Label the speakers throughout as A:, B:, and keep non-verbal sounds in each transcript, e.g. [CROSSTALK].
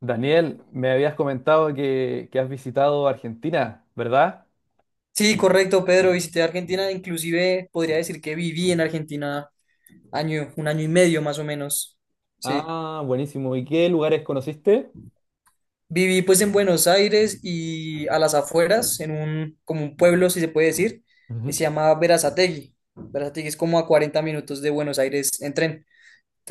A: Daniel, me habías comentado que has visitado Argentina, ¿verdad?
B: Sí, correcto, Pedro. Visité Argentina, inclusive podría decir que viví en Argentina un año y medio más o menos. Sí.
A: Ah, buenísimo. ¿Y qué lugares conociste?
B: Viví pues en Buenos Aires y a las afueras, como un pueblo, si se puede decir, que
A: Ujú.
B: se llama Verazategui. Verazategui es como a 40 minutos de Buenos Aires en tren.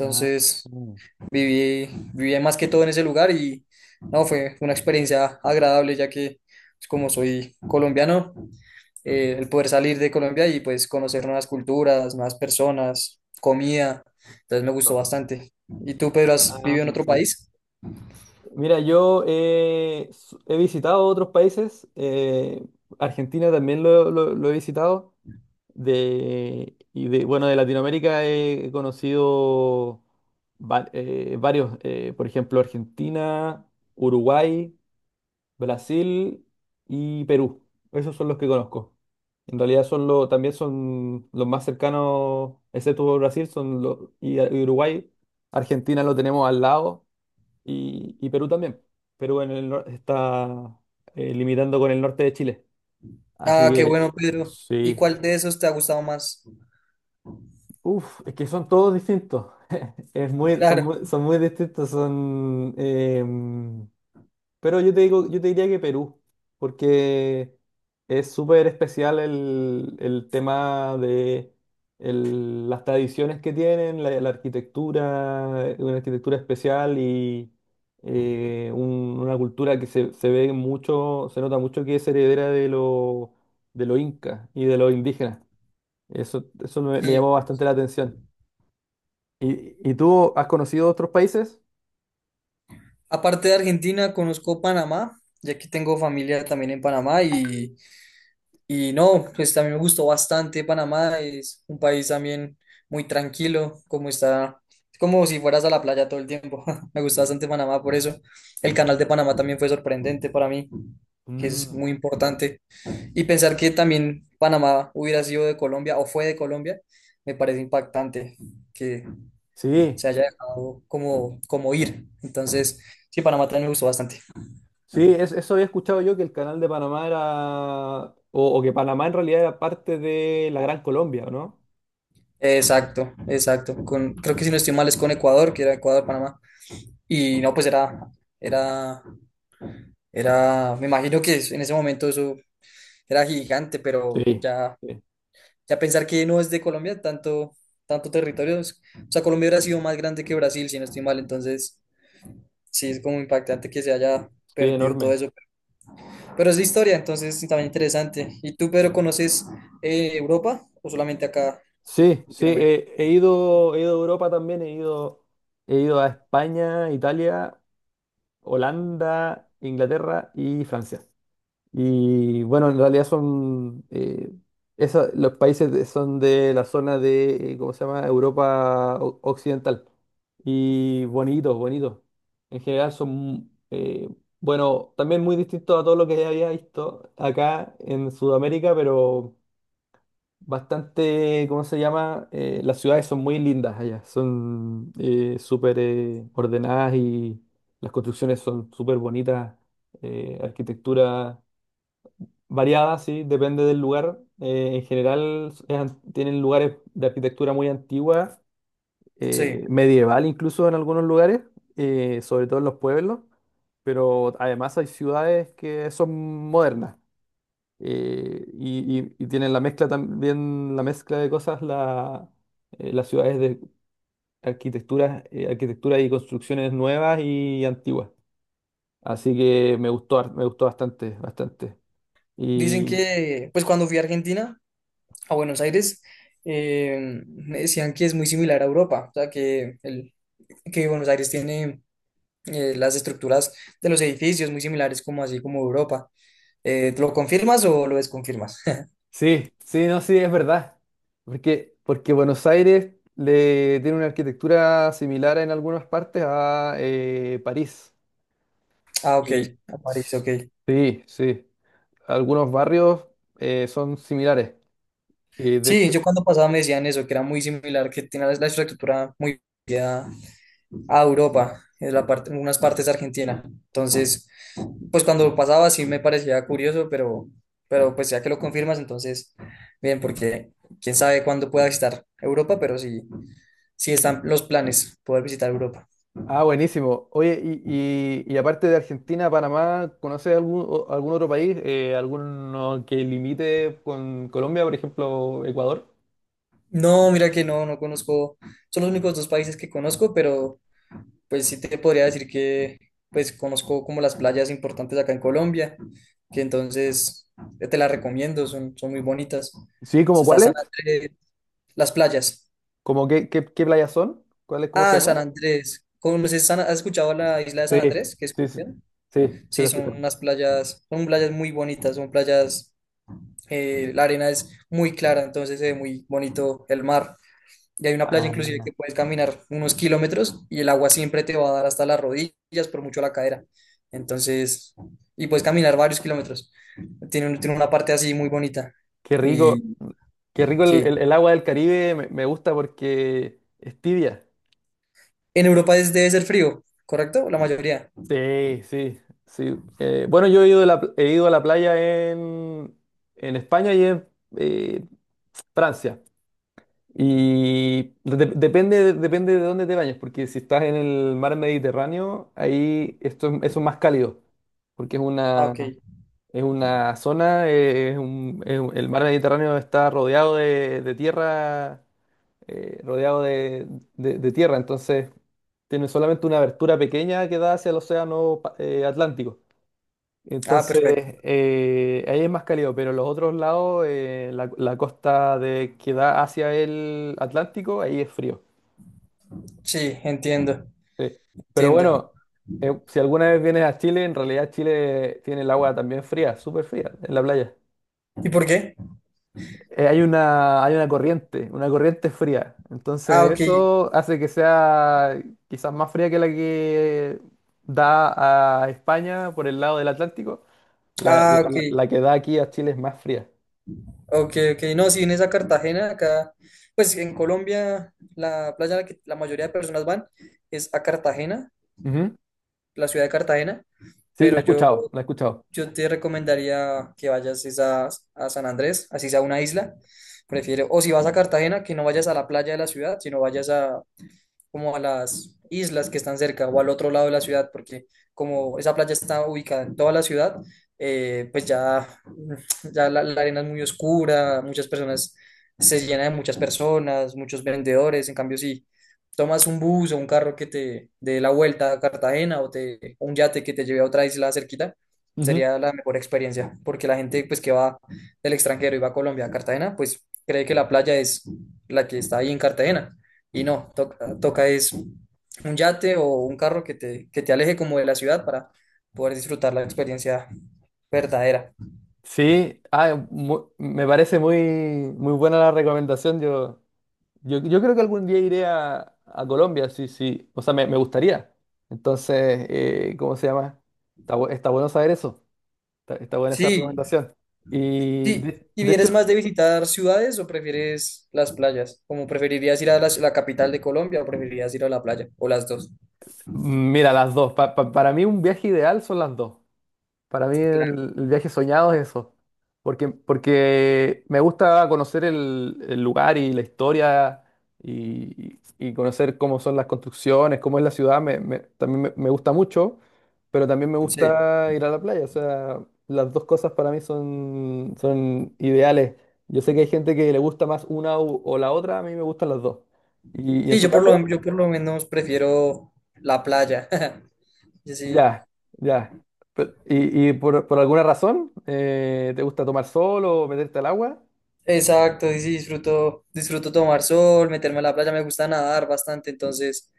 A: Ah, mm.
B: viví, viví más que todo en ese lugar y no, fue una experiencia agradable ya que pues, como soy colombiano, el poder salir de Colombia y pues conocer nuevas culturas, nuevas personas, comida. Entonces me gustó bastante. ¿Y tú, Pedro, has
A: Ah,
B: vivido en otro
A: excelente.
B: país?
A: Mira, yo he visitado otros países. Argentina también lo he visitado. Bueno, de Latinoamérica he conocido varios, por ejemplo, Argentina, Uruguay. Brasil y Perú. Esos son los que conozco. En realidad son los, también son los más cercanos, excepto Brasil, son los, y Uruguay. Argentina lo tenemos al lado y Perú también. Perú en el nor- Está limitando con el norte de Chile. Así
B: Ah, qué
A: que
B: bueno, Pedro. ¿Y
A: sí.
B: cuál de esos te ha gustado más?
A: Uf, es que son todos distintos. Es muy, son
B: Claro.
A: muy, son muy distintos. Pero yo te digo, yo te diría que Perú, porque es súper especial el tema de las tradiciones que tienen, la arquitectura, una arquitectura especial y una cultura que se ve mucho, se nota mucho que es heredera de lo inca y de los indígenas. Eso me llamó
B: Y
A: bastante la atención. ¿Y tú has conocido otros países?
B: aparte de Argentina, conozco Panamá, y aquí tengo familia también en Panamá. Y no, pues también me gustó bastante Panamá, es un país también muy tranquilo, como está, es como si fueras a la playa todo el tiempo. [LAUGHS] Me gusta bastante Panamá por eso. El canal de Panamá también fue sorprendente para mí, que es
A: Mm,
B: muy importante. Y pensar que también Panamá hubiera sido de Colombia o fue de Colombia, me parece impactante que
A: sí.
B: se haya dejado como, como ir. Entonces, sí, Panamá también me gustó bastante.
A: Sí, eso había escuchado yo que el canal de Panamá era, o que Panamá en realidad era parte de la Gran Colombia, ¿o ¿no?
B: Exacto, exacto. Creo que si no estoy mal es con Ecuador, que era Ecuador-Panamá. Y no, pues era, era, me imagino que en ese momento eso era gigante, pero
A: Sí.
B: ya,
A: Sí,
B: ya pensar que no es de Colombia, tanto, tanto territorio, o sea, Colombia hubiera sido más grande que Brasil, si no estoy mal, entonces sí es como impactante que se haya
A: sí,
B: perdido todo
A: enorme.
B: eso. Pero es de historia, entonces es también interesante. ¿Y tú, Pedro, conoces Europa o solamente acá,
A: Sí, sí,
B: Latinoamérica?
A: he ido, he ido a Europa también, he ido a España, Italia, Holanda, Inglaterra y Francia. Y bueno, en realidad son, los países son de la zona de, ¿cómo se llama? Europa Occidental. Y bonitos, bonitos. En general son, bueno, también muy distintos a todo lo que ya había visto acá en Sudamérica, pero bastante, ¿cómo se llama? Las ciudades son muy lindas allá, son súper ordenadas y las construcciones son súper bonitas, arquitectura. Variada, sí, depende del lugar. En general tienen lugares de arquitectura muy antigua,
B: Sí,
A: medieval incluso en algunos lugares, sobre todo en los pueblos, pero además hay ciudades que son modernas y tienen la mezcla también, la mezcla de cosas, las ciudades de arquitectura, arquitectura y construcciones nuevas y antiguas. Así que me gustó bastante, bastante.
B: dicen que, pues cuando fui a Argentina, a Buenos Aires, me decían que es muy similar a Europa, o sea, que Buenos Aires tiene las estructuras de los edificios muy similares como así como Europa. ¿Lo confirmas o lo desconfirmas?
A: Sí, sí, no, sí, es verdad. Porque, porque Buenos Aires le tiene una arquitectura similar en algunas partes a París.
B: Ah, ok,
A: Y
B: a París,
A: s-
B: ok.
A: sí, sí, algunos barrios son similares. Y de
B: Sí,
A: hecho,
B: yo cuando pasaba me decían eso, que era muy similar, que tiene la estructura muy parecida a Europa, en la parte, en unas partes de Argentina. Entonces, pues cuando lo pasaba sí me parecía curioso, pero pues ya que lo confirmas, entonces, bien, porque quién sabe cuándo pueda visitar Europa, pero sí, sí están los planes poder visitar Europa.
A: ah, buenísimo. Oye, y aparte de Argentina, Panamá, ¿conoces algún otro país? ¿Alguno que limite con Colombia, por ejemplo, Ecuador?
B: No, mira que no, son los únicos dos países que conozco, pero pues sí te podría decir que pues conozco como las playas importantes acá en Colombia, que entonces te las recomiendo, son muy bonitas. O
A: Sí, ¿como
B: sea, están
A: cuáles?
B: entre las playas.
A: ¿Como qué playas son? ¿Cuáles, cómo se
B: Ah, San
A: llaman?
B: Andrés. ¿Has escuchado la isla de
A: Sí,
B: San Andrés, que es
A: sí, sí,
B: colombiana?
A: sí, sí
B: Sí,
A: lo
B: son
A: escucho.
B: unas playas, son playas muy bonitas, son playas, la arena es muy clara, entonces se ve muy bonito el mar. Y hay una playa inclusive que
A: Ah,
B: puedes caminar unos kilómetros y el agua siempre te va a dar hasta las rodillas, por mucho la cadera. Entonces, y puedes caminar varios kilómetros. Tiene una parte así muy bonita.
A: qué rico,
B: Y
A: qué rico
B: sí,
A: el agua del Caribe, me gusta porque es tibia.
B: en Europa debe ser frío, ¿correcto? La mayoría.
A: Sí, sí, sí. Bueno, yo he ido a la playa en, en España y en eh, Francia. Depende, depende de dónde te bañes, porque si estás en el mar Mediterráneo, eso es más cálido, porque es
B: Ah, ok.
A: una... Es una zona, el mar Mediterráneo está rodeado de tierra, rodeado de, de tierra, entonces tiene solamente una abertura pequeña que da hacia el océano Atlántico.
B: Ah,
A: Entonces,
B: perfecto.
A: ahí es más cálido, pero los otros lados, la costa de, que da hacia el Atlántico, ahí es frío.
B: Sí, entiendo,
A: Sí. Pero
B: entiendo.
A: bueno, si alguna vez vienes a Chile, en realidad Chile tiene el agua también fría, súper fría, en la playa.
B: ¿Y por qué?
A: Eh, hay una corriente fría.
B: Ah,
A: Entonces
B: ok,
A: eso hace que sea quizás más fría que la que da a España por el lado del Atlántico.
B: ah, ok,
A: La que da aquí a Chile es más fría.
B: ok, ok. No, si vienes a Cartagena, acá, pues en Colombia, la playa a la que la mayoría de personas van es a Cartagena,
A: Ujú.
B: la ciudad de Cartagena,
A: Sí, la he
B: pero yo,
A: escuchado, la he escuchado.
B: yo te recomendaría que vayas es a San Andrés, así sea una isla. Prefiero, o si vas a Cartagena, que no vayas a la playa de la ciudad, sino vayas a como a las islas que están cerca o al otro lado de la ciudad, porque como esa playa está ubicada en toda la ciudad, pues ya, [LAUGHS] ya la arena es muy oscura, muchas personas, se llena de muchas personas, muchos vendedores, en cambio si tomas un bus o un carro que te dé la vuelta a Cartagena un yate que te lleve a otra isla cerquita,
A: Ujú.
B: sería la mejor experiencia, porque la gente pues que va del extranjero y va a Colombia, a Cartagena, pues cree que la playa es la que está ahí en Cartagena y no, toca, toca es un yate o un carro que te aleje como de la ciudad para poder disfrutar la experiencia verdadera.
A: Sí, ah, me parece muy, muy buena la recomendación. Yo creo que algún día iré a Colombia, sí, sí. O sea, me gustaría. Entonces, ¿cómo se llama? Está bueno saber eso. Está, está buena esa
B: Sí,
A: recomendación. Y
B: sí. ¿Y
A: de
B: vienes
A: hecho,
B: más de visitar ciudades o prefieres las playas? ¿Como preferirías ir a la, la capital de Colombia o preferirías ir a la playa? ¿O las dos?
A: mira, las dos. Para mí un viaje ideal son las dos. Para mí
B: Claro,
A: el viaje soñado es eso, porque, porque me gusta conocer el lugar y la historia y conocer cómo son las construcciones, cómo es la ciudad, también me gusta mucho, pero también me
B: sí.
A: gusta ir a la playa, o sea, las dos cosas para mí son, son ideales. Yo sé que hay gente que le gusta o la otra, a mí me gustan las dos. ¿Y
B: Sí,
A: en tu caso?
B: yo por lo menos prefiero la playa. [LAUGHS] Yo sí.
A: Ya, ya. Pero, por alguna razón te gusta tomar sol o meterte al agua?
B: Exacto, sí, sí, disfruto tomar sol, meterme a la playa, me gusta nadar bastante, entonces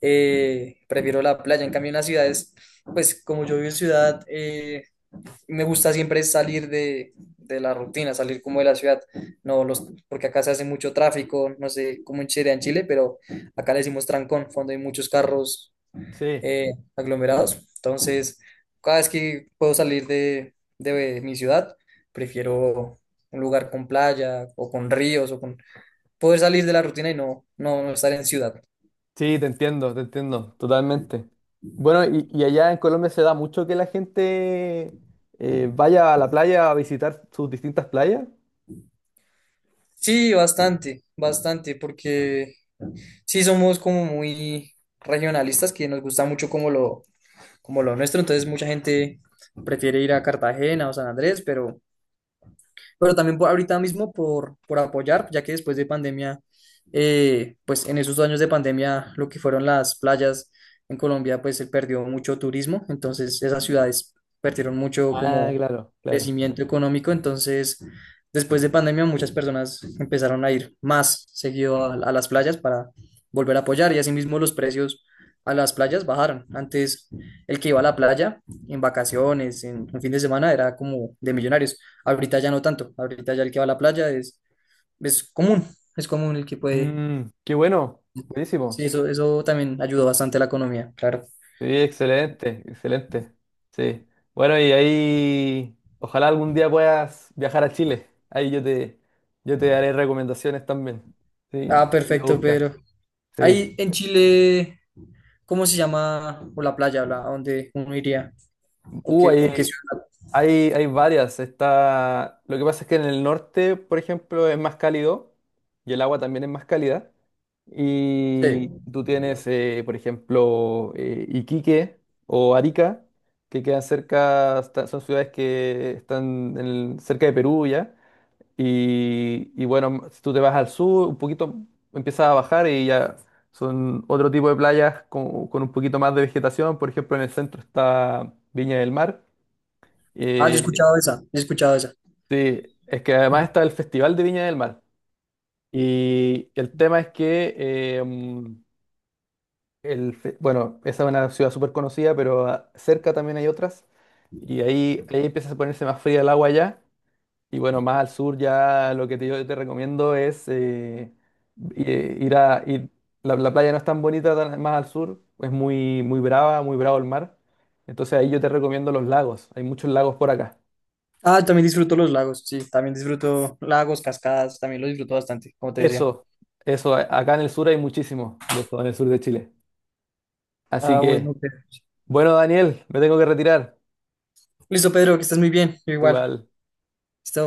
B: prefiero la playa. En cambio, en las ciudades, pues como yo vivo en ciudad, me gusta siempre salir de la rutina, salir como de la ciudad. No los, porque acá se hace mucho tráfico, no sé cómo en Chile, pero acá le decimos trancón, cuando hay muchos carros
A: Sí,
B: aglomerados. Entonces, cada vez que puedo salir de mi ciudad, prefiero un lugar con playa o con ríos o con poder salir de la rutina y no estar en ciudad.
A: sí, te entiendo, totalmente. Bueno, y allá en Colombia se da mucho que la gente vaya a la playa a visitar sus distintas playas.
B: Sí, bastante, bastante, porque sí somos como muy regionalistas, que nos gusta mucho como lo nuestro, entonces mucha gente prefiere ir a Cartagena o San Andrés, pero ahorita mismo por apoyar, ya que después de pandemia, pues en esos años de pandemia, lo que fueron las playas en Colombia, pues se perdió mucho turismo, entonces esas ciudades perdieron mucho
A: Ah,
B: como
A: claro, claro.
B: crecimiento económico, entonces después de pandemia muchas personas empezaron a ir más seguido a las playas para volver a apoyar y asimismo los precios a las playas bajaron. Antes el que iba a la playa en vacaciones, en un fin de semana, era como de millonarios. Ahorita ya no tanto, ahorita ya el que va a la playa es común, es común el que puede.
A: Mm, qué bueno,
B: Sí,
A: buenísimo.
B: eso también ayudó bastante a la economía, claro.
A: Sí, excelente, excelente. Sí. Bueno, y ahí ojalá algún día puedas viajar a Chile. Ahí yo te daré recomendaciones también. Sí,
B: Ah,
A: y lo
B: perfecto,
A: buscas.
B: Pedro.
A: Sí.
B: Ahí en Chile, ¿cómo se llama? O la playa, ¿a dónde uno iría? ¿O qué, o qué
A: Ahí
B: ciudad?
A: hay, hay varias. Está... Lo que pasa es que en el norte, por ejemplo, es más cálido y el agua también es más cálida. Y
B: Sí.
A: tú tienes, por ejemplo, Iquique o Arica, que quedan cerca, son ciudades que están en cerca de Perú ya. Y bueno, si tú te vas al sur, un poquito empiezas a bajar y ya son otro tipo de playas con un poquito más de vegetación. Por ejemplo, en el centro está Viña del Mar.
B: Ah, yo he
A: Eh,
B: escuchado esa, yo he escuchado esa.
A: sí, es que además está el Festival de Viña del Mar. Y el tema es que, mm, bueno, esa es una ciudad súper conocida, pero ah, cerca también hay otras. Y ahí, ahí empieza a ponerse más fría el agua ya. Y bueno, más al sur ya lo que te, yo te recomiendo es eh, ir a... ir- la, la playa no es tan bonita más al sur, es muy, muy brava, muy bravo el mar. Entonces ahí yo te recomiendo los lagos. Hay muchos lagos por acá.
B: Ah, también disfruto los lagos, sí, también disfruto lagos, cascadas, también lo disfruto bastante, como te decía.
A: Eso, eso, acá en el sur hay muchísimo de eso, en el sur de Chile. Así
B: Ah,
A: que,
B: bueno, Pedro.
A: bueno, Daniel, me tengo que retirar.
B: Listo, Pedro, que estés muy bien, yo
A: Tú
B: igual.
A: igual.
B: Listo.